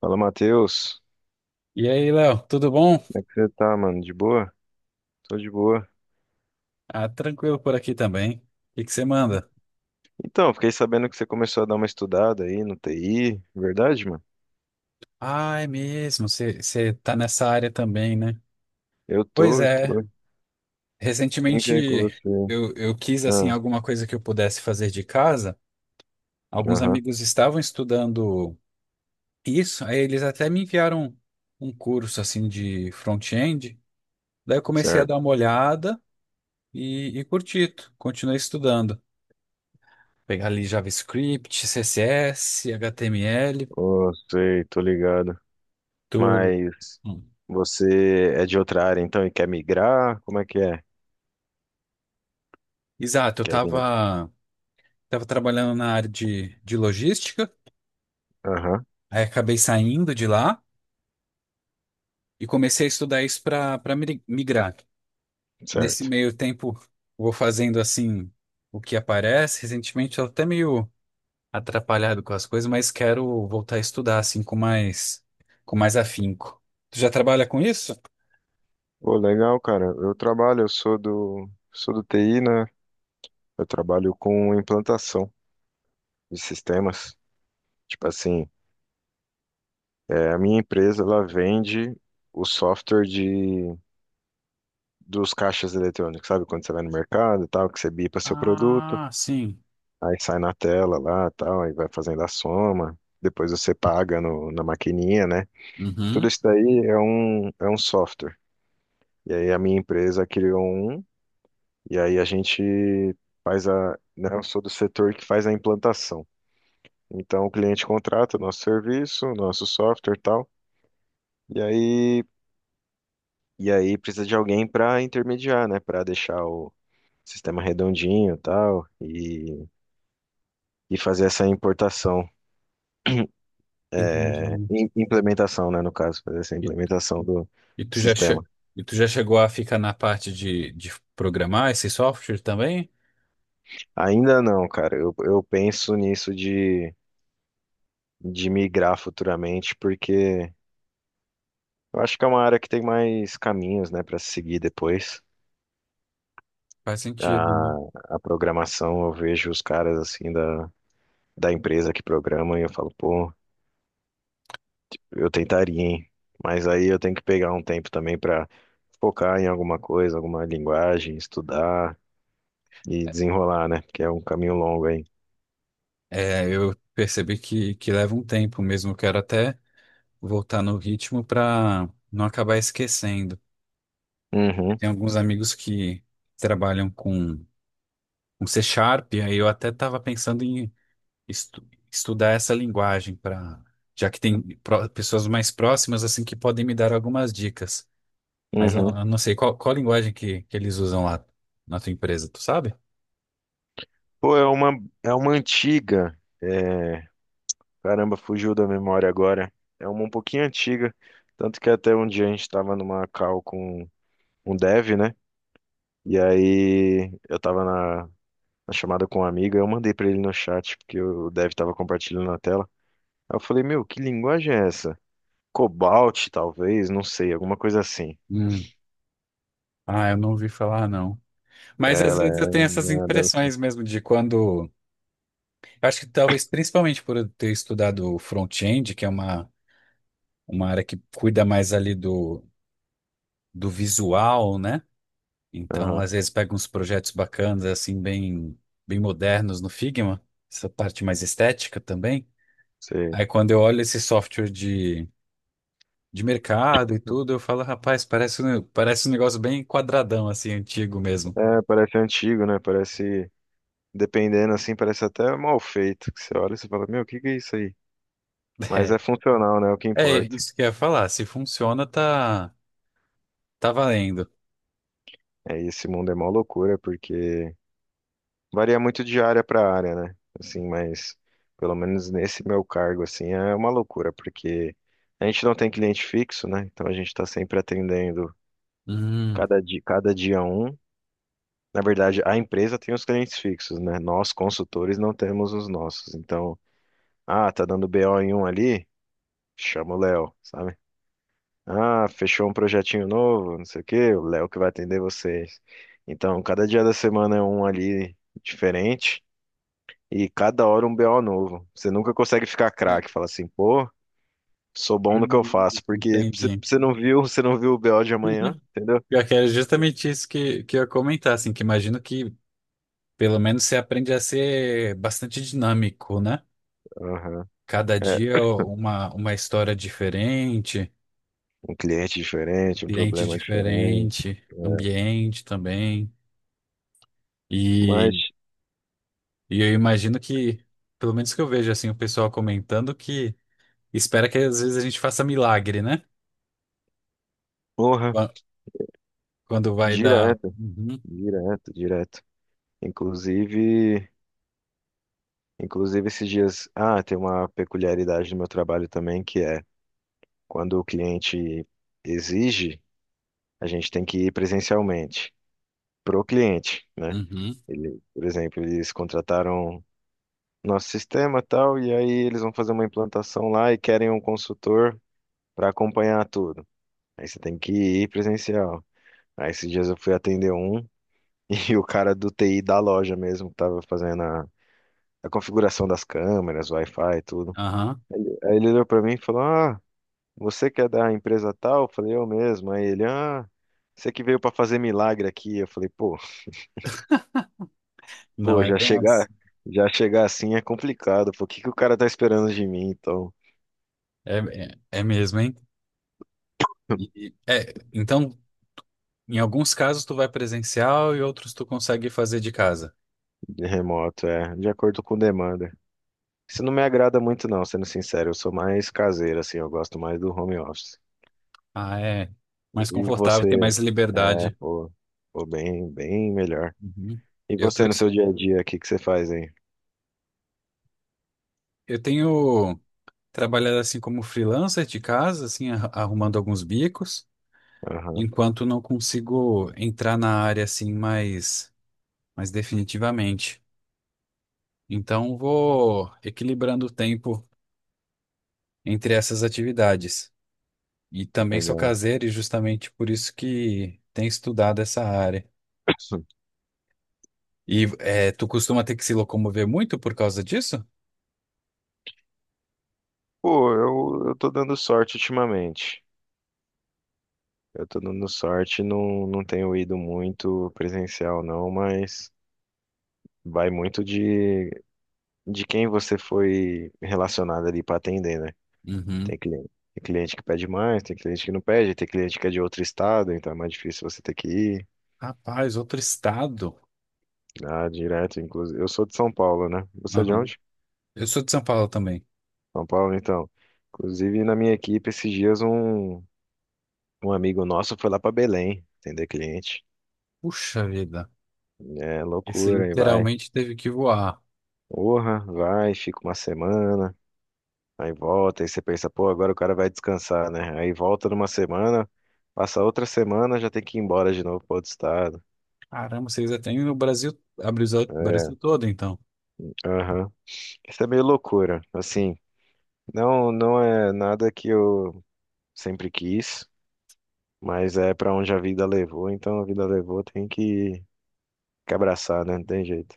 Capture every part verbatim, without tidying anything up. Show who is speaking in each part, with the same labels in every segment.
Speaker 1: Fala, Matheus.
Speaker 2: E aí, Léo, tudo bom?
Speaker 1: Como é que você tá, mano? De boa? Tô de boa.
Speaker 2: Ah, tranquilo por aqui também. O que que você manda?
Speaker 1: Então, fiquei sabendo que você começou a dar uma estudada aí no T I, verdade, mano?
Speaker 2: Ah, é mesmo, você você tá nessa área também, né?
Speaker 1: Eu
Speaker 2: Pois
Speaker 1: tô, eu
Speaker 2: é,
Speaker 1: tô. Quem
Speaker 2: recentemente
Speaker 1: vem com você?
Speaker 2: eu, eu quis, assim,
Speaker 1: Ah,
Speaker 2: alguma coisa que eu pudesse fazer de casa. Alguns
Speaker 1: aham,
Speaker 2: amigos estavam estudando isso, aí eles até me enviaram um curso, assim, de front-end. Daí eu comecei a
Speaker 1: certo.
Speaker 2: dar uma olhada e, e curti, continuei estudando. Pegar ali JavaScript, C S S, H T M L,
Speaker 1: Ô, sei, tô ligado.
Speaker 2: tu...
Speaker 1: Mas você é de outra área, então, e quer migrar? Como é que é?
Speaker 2: Exato, eu
Speaker 1: Quer vir?
Speaker 2: tava, tava trabalhando na área de, de logística,
Speaker 1: Aham,
Speaker 2: aí acabei saindo de lá e comecei a estudar isso para para migrar. Nesse
Speaker 1: certo.
Speaker 2: meio tempo, vou fazendo assim o que aparece. Recentemente, eu até meio atrapalhado com as coisas, mas quero voltar a estudar assim com mais com mais afinco. Tu já trabalha com isso?
Speaker 1: Pô, legal, cara. Eu trabalho, eu sou do, sou do T I, né? Eu trabalho com implantação de sistemas. Tipo assim, é, a minha empresa, ela vende o software de, dos caixas eletrônicos, sabe? Quando você vai no mercado e tal, que você bipa seu produto,
Speaker 2: Ah, sim.
Speaker 1: aí sai na tela lá e tal, aí vai fazendo a soma, depois você paga no, na maquininha, né? Tudo
Speaker 2: Uhum.
Speaker 1: isso daí é um, é um software. E aí a minha empresa criou um, e aí a gente faz a, né? Eu sou do setor que faz a implantação. Então o cliente contrata o nosso serviço, o nosso software e tal, e aí E aí precisa de alguém para intermediar, né? Para deixar o sistema redondinho e tal, e, e fazer essa importação,
Speaker 2: Entendi.
Speaker 1: im- implementação, né? No caso, fazer essa
Speaker 2: E,
Speaker 1: implementação do
Speaker 2: e tu já che-
Speaker 1: sistema.
Speaker 2: e tu já chegou a ficar na parte de, de programar esse software também?
Speaker 1: Ainda não, cara. Eu, eu penso nisso de, de migrar futuramente, porque eu acho que é uma área que tem mais caminhos, né? Para seguir depois.
Speaker 2: Faz sentido, né?
Speaker 1: A, a programação, eu vejo os caras assim da, da empresa que programam e eu falo, pô. Eu tentaria, hein? Mas aí eu tenho que pegar um tempo também pra focar em alguma coisa, alguma linguagem, estudar e desenrolar, né? Porque é um caminho longo aí.
Speaker 2: É, eu percebi que, que leva um tempo mesmo. Eu quero até voltar no ritmo para não acabar esquecendo. Eu
Speaker 1: Uhum,
Speaker 2: tenho alguns amigos que trabalham com, com C Sharp, aí eu até estava pensando em estu- estudar essa linguagem para, já que tem pró- pessoas mais próximas assim que podem me dar algumas dicas. Mas eu,
Speaker 1: uhum.
Speaker 2: eu não sei qual, qual linguagem que, que eles usam lá na tua empresa, tu sabe?
Speaker 1: Pô, é uma, é uma antiga. É, caramba, fugiu da memória agora. É uma um pouquinho antiga. Tanto que até um dia a gente tava numa call com um dev, né? E aí eu tava na, na chamada com um amigo. Eu mandei pra ele no chat, porque o dev tava compartilhando na tela. Aí eu falei, meu, que linguagem é essa? Cobalt, talvez, não sei, alguma coisa assim.
Speaker 2: Hum. Ah, eu não ouvi falar, não.
Speaker 1: É,
Speaker 2: Mas às
Speaker 1: ela
Speaker 2: vezes eu
Speaker 1: é.
Speaker 2: tenho essas
Speaker 1: Nada-
Speaker 2: impressões mesmo de quando. Eu acho que talvez principalmente por eu ter estudado front-end, que é uma, uma área que cuida mais ali do, do visual, né? Então,
Speaker 1: aham,
Speaker 2: às vezes pega uns projetos bacanas, assim, bem, bem modernos no Figma, essa parte mais estética também.
Speaker 1: sei.
Speaker 2: Aí quando eu olho esse software de, de mercado e tudo, eu falo, rapaz, parece, um- parece um negócio bem quadradão, assim, antigo mesmo.
Speaker 1: É, parece antigo, né? Parece. Dependendo assim, parece até mal feito. Que você olha e você fala, meu, o que que é isso aí? Mas é
Speaker 2: É,
Speaker 1: funcional, né? É o que
Speaker 2: é
Speaker 1: importa.
Speaker 2: isso que eu ia falar. Se funciona, tá, tá valendo.
Speaker 1: É, e esse mundo é mó loucura, porque varia muito de área para área, né? Assim, mas pelo menos nesse meu cargo, assim, é uma loucura, porque a gente não tem cliente fixo, né? Então a gente tá sempre atendendo
Speaker 2: Hum.
Speaker 1: cada dia, cada dia um. Na verdade, a empresa tem os clientes fixos, né? Nós, consultores, não temos os nossos. Então, ah, tá dando B O em um ali? Chama o Léo, sabe? Ah, fechou um projetinho novo, não sei o quê, o Léo que vai atender vocês. Então, cada dia da semana é um ali diferente e cada hora um B O novo. Você nunca consegue ficar
Speaker 2: É.
Speaker 1: craque, fala assim, pô, sou bom no que eu
Speaker 2: Hum.
Speaker 1: faço, porque você
Speaker 2: Entendi.
Speaker 1: você não viu, você não viu o B O de amanhã, entendeu?
Speaker 2: Pior que era justamente isso que, que eu ia comentar, assim, que imagino que pelo menos você aprende a ser bastante dinâmico, né?
Speaker 1: Aham.
Speaker 2: Cada
Speaker 1: É,
Speaker 2: dia uma, uma história diferente,
Speaker 1: um cliente
Speaker 2: um
Speaker 1: diferente, um
Speaker 2: cliente
Speaker 1: problema diferente.
Speaker 2: diferente,
Speaker 1: É.
Speaker 2: ambiente também.
Speaker 1: Mas
Speaker 2: E, e eu imagino que, pelo menos que eu vejo, assim, o pessoal comentando que espera que às vezes a gente faça milagre, né?
Speaker 1: porra,
Speaker 2: Qua- Quando vai dar.
Speaker 1: direto,
Speaker 2: Uhum,
Speaker 1: direto, direto. Inclusive, inclusive esses dias, ah, tem uma peculiaridade do meu trabalho também que é quando o cliente exige, a gente tem que ir presencialmente pro cliente, né?
Speaker 2: uhum,
Speaker 1: Ele, por exemplo, eles contrataram nosso sistema tal e aí eles vão fazer uma implantação lá e querem um consultor para acompanhar tudo. Aí você tem que ir presencial. Aí esses dias eu fui atender um e o cara do T I da loja mesmo, que tava fazendo a configuração das câmeras, Wi-Fi, e tudo.
Speaker 2: aham.
Speaker 1: Aí ele olhou pra mim e falou: ah, você que é da empresa tal? Eu falei: eu mesmo. Aí ele: ah, você que veio pra fazer milagre aqui. Eu falei: Pô,
Speaker 2: Não
Speaker 1: pô,
Speaker 2: é
Speaker 1: já
Speaker 2: bem
Speaker 1: chegar,
Speaker 2: assim.
Speaker 1: já chegar assim é complicado. Pô, o que que o cara tá esperando de mim, então,
Speaker 2: É, é, é mesmo, hein? E- e- é, então, em alguns casos tu vai presencial e outros tu consegue fazer de casa.
Speaker 1: de remoto? É, de acordo com demanda. Isso não me agrada muito, não, sendo sincero. Eu sou mais caseiro, assim, eu gosto mais do home office.
Speaker 2: Ah, é mais
Speaker 1: E
Speaker 2: confortável,
Speaker 1: você?
Speaker 2: tem mais
Speaker 1: É,
Speaker 2: liberdade.
Speaker 1: pô, pô, bem, bem melhor.
Speaker 2: Uhum.
Speaker 1: E
Speaker 2: Eu tô,
Speaker 1: você no seu dia a dia, o que que você faz, hein?
Speaker 2: eu tenho trabalhado assim como freelancer de casa, assim, arru- arrumando alguns bicos,
Speaker 1: Aham,
Speaker 2: enquanto não consigo entrar na área assim mais, mais definitivamente. Então, vou equilibrando o tempo entre essas atividades. E também sou
Speaker 1: legal.
Speaker 2: caseiro e justamente por isso que tenho estudado essa área. E é, tu costuma ter que se locomover muito por causa disso?
Speaker 1: Pô, eu, eu tô dando sorte ultimamente. Eu tô dando sorte, não, não tenho ido muito presencial, não, mas vai muito de, de quem você foi relacionado ali pra atender, né?
Speaker 2: Uhum.
Speaker 1: Tem cliente, tem cliente que pede mais, tem cliente que não pede, tem cliente que é de outro estado, então é mais difícil você ter que ir
Speaker 2: Rapaz, outro estado.
Speaker 1: lá direto, inclusive. Eu sou de São Paulo, né? Você é de
Speaker 2: Aham.
Speaker 1: onde?
Speaker 2: Eu sou de São Paulo também.
Speaker 1: São Paulo, então. Inclusive, na minha equipe, esses dias um, um amigo nosso foi lá pra Belém atender cliente.
Speaker 2: Puxa vida.
Speaker 1: É
Speaker 2: Esse
Speaker 1: loucura, aí vai.
Speaker 2: literalmente teve que voar.
Speaker 1: Porra, vai, fica uma semana, aí volta, aí você pensa, pô, agora o cara vai descansar, né? Aí volta numa semana, passa outra semana, já tem que ir embora de novo para outro estado.
Speaker 2: Caramba, vocês já têm no Brasil, abriu o Brasil
Speaker 1: É,
Speaker 2: todo, então.
Speaker 1: aham. Isso é meio loucura, assim. Não, não é nada que eu sempre quis, mas é para onde a vida levou, então a vida levou, tem que, que abraçar, né? Não tem jeito.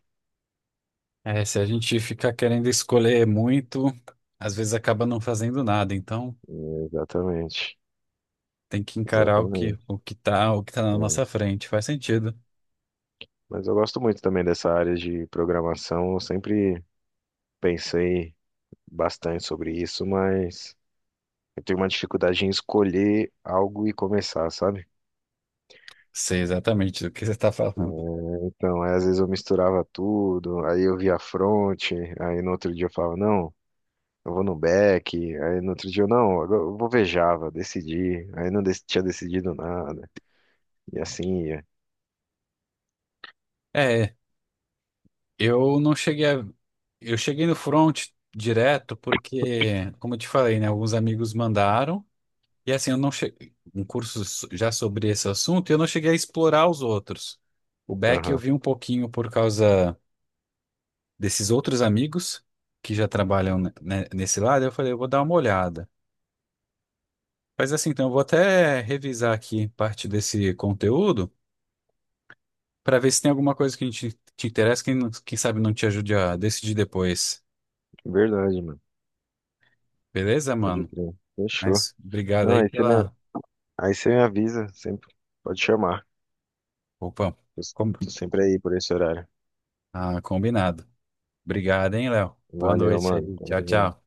Speaker 2: É, se a gente fica querendo escolher muito, às vezes acaba não fazendo nada. Então,
Speaker 1: É, exatamente,
Speaker 2: tem que encarar o que,
Speaker 1: exatamente.
Speaker 2: o que tá, o que tá na
Speaker 1: É.
Speaker 2: nossa frente. Faz sentido.
Speaker 1: Mas eu gosto muito também dessa área de programação, eu sempre pensei bastante sobre isso, mas eu tenho uma dificuldade em escolher algo e começar, sabe?
Speaker 2: Sei exatamente do que você está falando.
Speaker 1: Então, aí, às vezes eu misturava tudo, aí eu via front, aí no outro dia eu falava, não, eu vou no back, aí no outro dia eu, não, agora eu vovejava, decidi, aí não dec- tinha decidido nada, e assim ia.
Speaker 2: É, eu não cheguei a... Eu cheguei no front direto porque, como eu te falei, né, alguns amigos mandaram, e assim, eu não cheguei... Um curso so- já sobre esse assunto, e eu não cheguei a explorar os outros. O back eu
Speaker 1: Aham,
Speaker 2: vi um pouquinho por causa desses outros amigos que já trabalham ne- ne- nesse lado, eu falei, eu vou dar uma olhada. Mas assim, então eu vou até revisar aqui parte desse conteúdo, para ver se tem alguma coisa que a gente te interessa, quem, não- quem sabe não te ajude a decidir depois.
Speaker 1: verdade, mano,
Speaker 2: Beleza,
Speaker 1: pode
Speaker 2: mano?
Speaker 1: crer, fechou.
Speaker 2: Mas obrigado
Speaker 1: Não,
Speaker 2: aí
Speaker 1: aí você me,
Speaker 2: pela.
Speaker 1: aí você me avisa, sempre, pode chamar,
Speaker 2: Opa,
Speaker 1: eu s-
Speaker 2: com-
Speaker 1: tô sempre aí por esse horário.
Speaker 2: ah, combinado. Obrigado, hein, Léo? Boa
Speaker 1: Valeu,
Speaker 2: noite
Speaker 1: mano,
Speaker 2: aí.
Speaker 1: tamo
Speaker 2: Tchau,
Speaker 1: junto.
Speaker 2: tchau.